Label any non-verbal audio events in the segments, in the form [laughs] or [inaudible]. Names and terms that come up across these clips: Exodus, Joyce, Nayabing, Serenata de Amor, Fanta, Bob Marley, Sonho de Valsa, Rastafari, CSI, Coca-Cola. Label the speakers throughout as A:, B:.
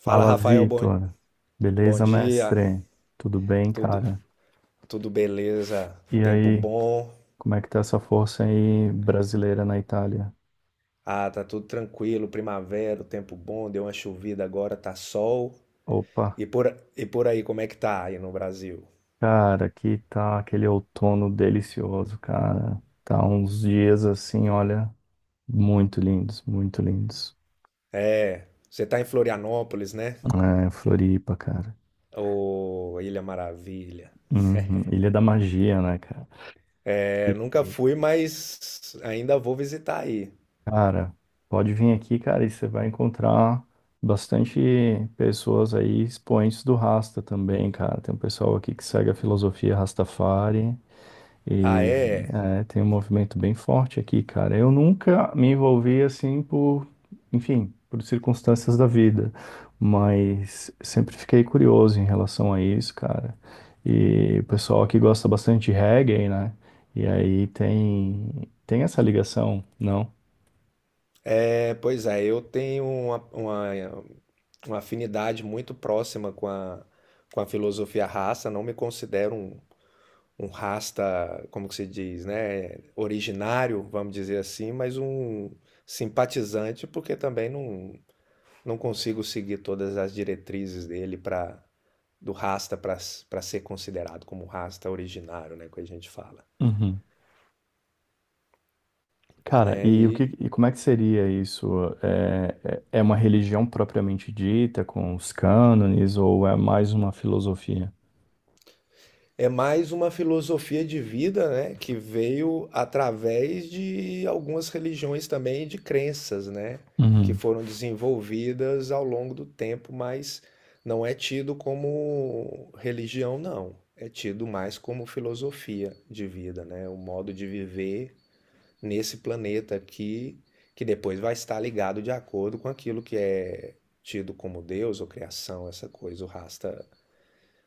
A: Fala,
B: Fala,
A: Rafael,
B: Vitor.
A: bom
B: Beleza,
A: dia.
B: mestre? Tudo bem,
A: Tudo,
B: cara?
A: tudo beleza?
B: E
A: Tempo
B: aí,
A: bom?
B: como é que tá essa força aí brasileira na Itália?
A: Ah, tá tudo tranquilo, primavera, o tempo bom, deu uma chovida agora, tá sol.
B: Opa,
A: E por, e por aí, como é que tá aí no Brasil?
B: cara, aqui tá aquele outono delicioso, cara. Tá uns dias assim, olha, muito lindos, muito lindos.
A: É, você tá em Florianópolis, né?
B: É, Floripa, cara.
A: Ô, Ilha Maravilha.
B: Uhum. Ilha da Magia, né, cara?
A: É,
B: E
A: nunca fui, mas ainda vou visitar aí.
B: cara, pode vir aqui, cara, e você vai encontrar bastante pessoas aí, expoentes do Rasta também, cara. Tem um pessoal aqui que segue a filosofia Rastafari
A: Ah,
B: e
A: é?
B: tem um movimento bem forte aqui, cara. Eu nunca me envolvi assim enfim, por circunstâncias da vida, mas sempre fiquei curioso em relação a isso, cara. E o pessoal aqui gosta bastante de reggae, né? E aí tem essa ligação, não?
A: É, pois é, eu tenho uma afinidade muito próxima com com a filosofia raça, não me considero um rasta, como que se diz, né, originário, vamos dizer assim, mas um simpatizante, porque também não, não consigo seguir todas as diretrizes dele para do rasta para para ser considerado como rasta originário, né, que a gente fala,
B: Uhum. Cara,
A: né?
B: e como é que seria isso? É, é uma religião propriamente dita, com os cânones, ou é mais uma filosofia?
A: É mais uma filosofia de vida, né, que veio através de algumas religiões também, de crenças, né, que
B: Uhum.
A: foram desenvolvidas ao longo do tempo, mas não é tido como religião, não. É tido mais como filosofia de vida, né, o modo de viver nesse planeta aqui, que depois vai estar ligado de acordo com aquilo que é tido como Deus ou criação, essa coisa, o Rasta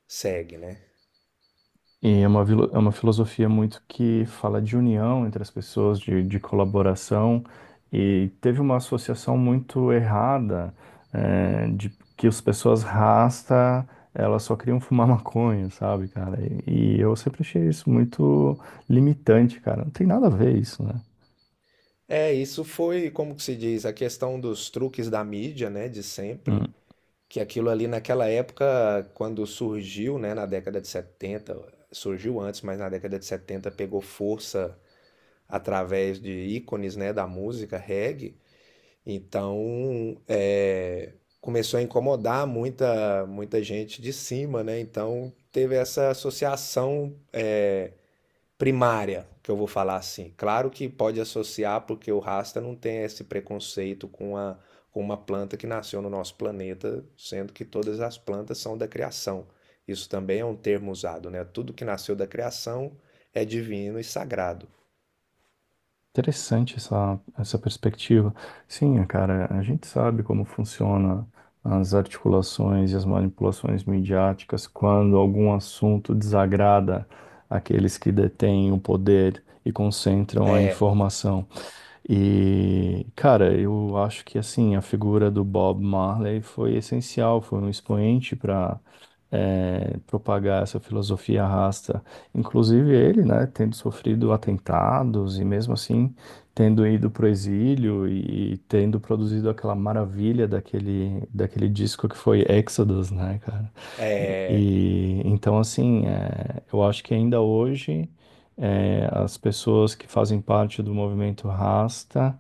A: segue, né?
B: E é uma, é uma filosofia muito que fala de união entre as pessoas, de colaboração, e teve uma associação muito errada, de que as pessoas rasta, elas só queriam fumar [laughs] maconha, sabe, cara? E eu sempre achei isso muito limitante, cara. Não tem nada a ver isso, né?
A: É, isso foi, como que se diz, a questão dos truques da mídia, né, de sempre, que aquilo ali naquela época, quando surgiu, né, na década de setenta, surgiu antes, mas na década de 70 pegou força através de ícones, né, da música reggae, então é, começou a incomodar muita gente de cima, né, então teve essa associação, é, primária, que eu vou falar assim. Claro que pode associar, porque o Rasta não tem esse preconceito com com uma planta que nasceu no nosso planeta, sendo que todas as plantas são da criação. Isso também é um termo usado, né? Tudo que nasceu da criação é divino e sagrado.
B: Interessante essa perspectiva. Sim, cara, a gente sabe como funciona as articulações e as manipulações midiáticas quando algum assunto desagrada aqueles que detêm o poder e concentram a
A: É,
B: informação. E, cara, eu acho que assim, a figura do Bob Marley foi essencial, foi um expoente para propagar essa filosofia rasta. Inclusive ele, né, tendo sofrido atentados e mesmo assim tendo ido para o exílio e tendo produzido aquela maravilha daquele disco que foi Exodus, né, cara? E,
A: é,
B: e, então, assim, é, eu acho que ainda hoje. É, as pessoas que fazem parte do movimento Rasta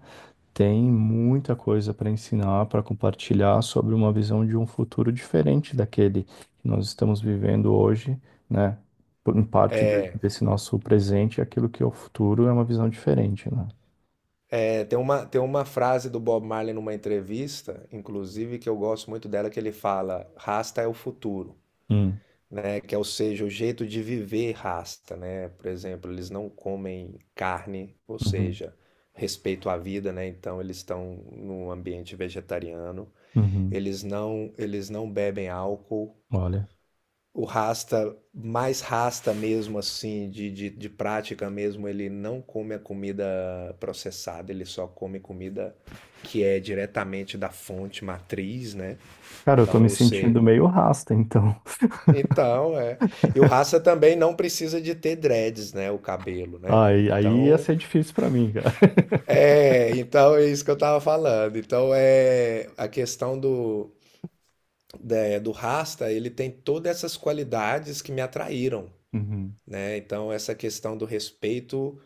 B: têm muita coisa para ensinar, para compartilhar sobre uma visão de um futuro diferente daquele que nós estamos vivendo hoje, né? Em parte
A: é,
B: desse nosso presente, aquilo que é o futuro é uma visão diferente, né?
A: é. Tem uma frase do Bob Marley numa entrevista, inclusive, que eu gosto muito dela, que ele fala: Rasta é o futuro.
B: Hum,
A: Né? Que é, ou seja, o jeito de viver rasta, né? Por exemplo, eles não comem carne, ou
B: uhum,
A: seja, respeito à vida, né? Então eles estão num ambiente vegetariano.
B: uhum.
A: Eles não bebem álcool.
B: Olha.
A: O rasta, mais rasta mesmo assim, de prática mesmo, ele não come a comida processada, ele só come comida que é diretamente da fonte matriz, né?
B: Cara, eu tô
A: Então,
B: me
A: ou
B: sentindo
A: seja,
B: meio rasta, então. [laughs]
A: Então, é. E o Raça também não precisa de ter dreads, né? O cabelo, né?
B: Aí ia
A: Então,
B: ser difícil para mim, cara. [laughs]
A: então é isso que eu tava falando. Então, é a questão do Rasta, ele tem todas essas qualidades que me atraíram,
B: Uhum.
A: né? Então, essa questão do respeito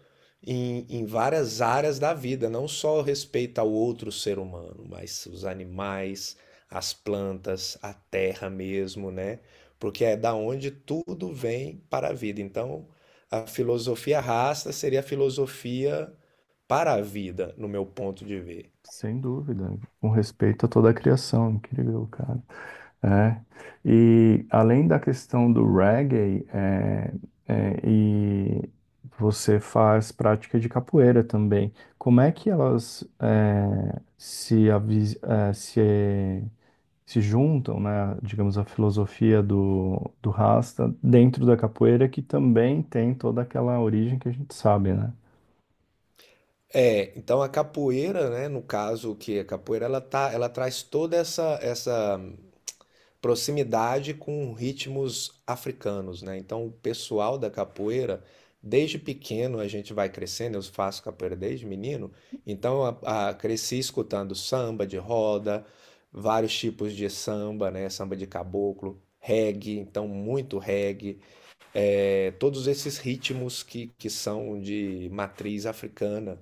A: em várias áreas da vida, não só o respeito ao outro ser humano, mas os animais, as plantas, a terra mesmo, né? Porque é da onde tudo vem para a vida. Então, a filosofia rasta seria a filosofia para a vida, no meu ponto de ver.
B: Sem dúvida. Com respeito a toda a criação. Incrível, cara. É. E além da questão do reggae, e você faz prática de capoeira também. Como é que elas é, se, avis- é, se juntam, né? Digamos, a filosofia do Rasta dentro da capoeira, que também tem toda aquela origem que a gente sabe, né?
A: É, então a capoeira, né, no caso que a capoeira ela tá, ela traz toda essa proximidade com ritmos africanos, né? Então, o pessoal da capoeira, desde pequeno a gente vai crescendo, eu faço capoeira desde menino, então cresci escutando samba de roda, vários tipos de samba, né? Samba de caboclo, reggae, então muito reggae, é, todos esses ritmos que são de matriz africana.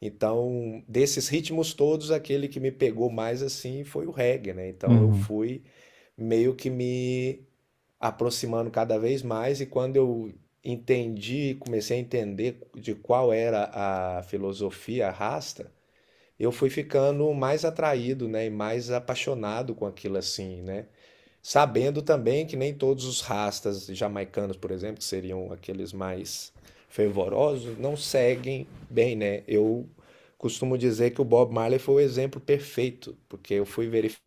A: Então, desses ritmos todos, aquele que me pegou mais assim foi o reggae, né? Então eu
B: Uhum,
A: fui meio que me aproximando cada vez mais e quando eu entendi, comecei a entender de qual era a filosofia rasta, eu fui ficando mais atraído, né, e mais apaixonado com aquilo assim, né? Sabendo também que nem todos os rastas jamaicanos, por exemplo, que seriam aqueles mais fervorosos, não seguem bem, né? Eu costumo dizer que o Bob Marley foi o exemplo perfeito, porque eu fui verificar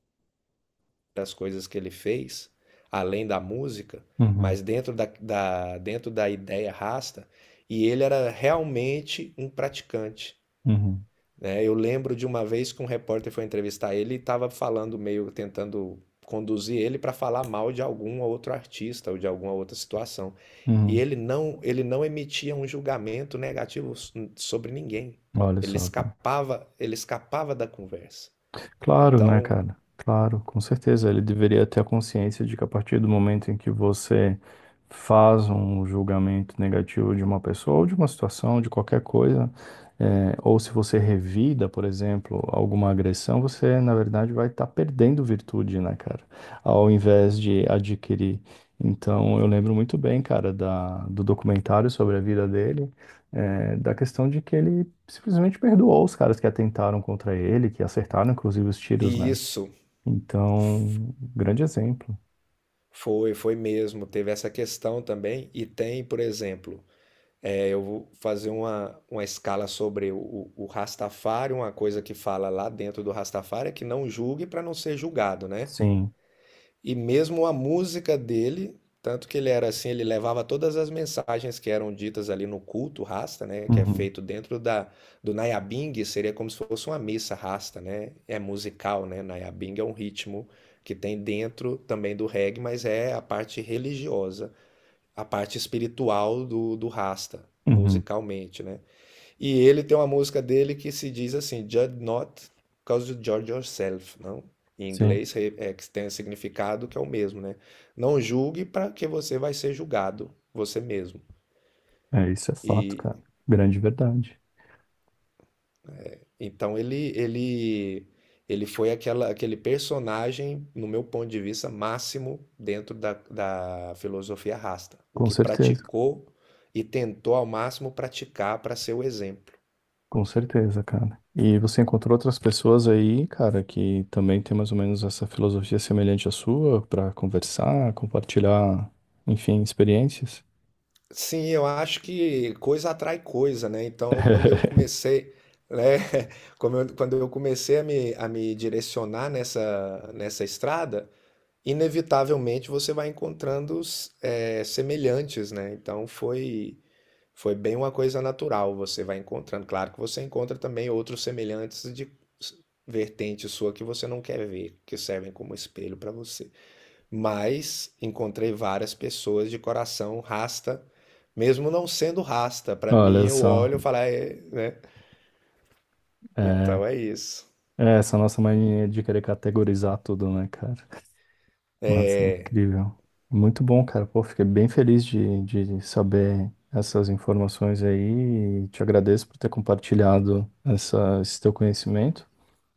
A: as coisas que ele fez, além da música,
B: uhum,
A: mas dentro dentro da ideia rasta, e ele era realmente um praticante,
B: uhum,
A: né? Eu lembro de uma vez que um repórter foi entrevistar ele e estava falando meio tentando conduzir ele para falar mal de algum outro artista ou de alguma outra situação. E
B: uhum.
A: ele não emitia um julgamento negativo sobre ninguém.
B: Olha só.
A: Ele escapava da conversa.
B: Claro, né,
A: Então,
B: cara? Claro, com certeza. Ele deveria ter a consciência de que a partir do momento em que você faz um julgamento negativo de uma pessoa ou de uma situação, de qualquer coisa, ou se você revida, por exemplo, alguma agressão, você, na verdade, vai estar perdendo virtude, né, cara? Ao invés de adquirir. Então, eu lembro muito bem, cara, do documentário sobre a vida dele da questão de que ele simplesmente perdoou os caras que atentaram contra ele, que acertaram inclusive os tiros,
A: e
B: né?
A: isso
B: Então, grande exemplo.
A: foi, foi mesmo, teve essa questão também e tem, por exemplo, é, eu vou fazer uma escala sobre Rastafari, uma coisa que fala lá dentro do Rastafari é que não julgue para não ser julgado, né?
B: Sim.
A: E mesmo a música dele, tanto que ele era assim, ele levava todas as mensagens que eram ditas ali no culto Rasta, né? Que é
B: Uhum.
A: feito dentro do Nayabing, seria como se fosse uma missa Rasta, né? É musical, né? Nayabing é um ritmo que tem dentro também do reggae, mas é a parte religiosa, a parte espiritual do Rasta,
B: Uhum.
A: musicalmente, né? E ele tem uma música dele que se diz assim, Judge not, cause you judge yourself, não? Em
B: Sim.
A: inglês que tem significado que é o mesmo, né? Não julgue para que você vai ser julgado, você mesmo.
B: É, isso é fato,
A: E
B: cara. Grande verdade.
A: então ele foi aquela, aquele personagem, no meu ponto de vista, máximo dentro da filosofia rasta, o
B: Com
A: que
B: certeza.
A: praticou e tentou ao máximo praticar para ser o exemplo.
B: Com certeza, cara. E você encontrou outras pessoas aí, cara, que também tem mais ou menos essa filosofia semelhante à sua, pra conversar, compartilhar, enfim, experiências?
A: Sim, eu acho que coisa atrai coisa, né? Então, quando eu
B: [laughs]
A: comecei, né? [laughs] Quando eu comecei a a me direcionar nessa estrada, inevitavelmente você vai encontrando semelhantes, né? Então, foi, foi bem uma coisa natural, você vai encontrando. Claro que você encontra também outros semelhantes s- vertente sua que você não quer ver, que servem como espelho para você. Mas encontrei várias pessoas de coração rasta, mesmo não sendo rasta. Para mim,
B: Olha
A: eu
B: só.
A: olho e falo, "Ah, é, né?
B: É.
A: Então é isso."
B: É, essa nossa mania de querer categorizar tudo, né, cara? Nossa, é incrível. Muito bom, cara. Pô, fiquei bem feliz de saber essas informações aí e te agradeço por ter compartilhado essa, esse teu conhecimento.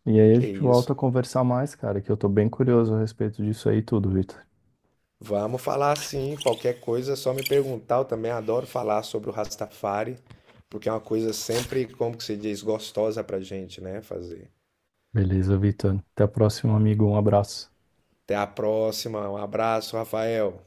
B: E aí a
A: Que
B: gente volta a
A: isso.
B: conversar mais, cara, que eu tô bem curioso a respeito disso aí tudo, Vitor.
A: Vamos falar sim. Qualquer coisa é só me perguntar. Eu também adoro falar sobre o Rastafari, porque é uma coisa sempre, como que se diz, gostosa pra gente, né? Fazer.
B: Beleza, Vitor. Até a próxima, amigo. Um abraço.
A: Até a próxima. Um abraço, Rafael.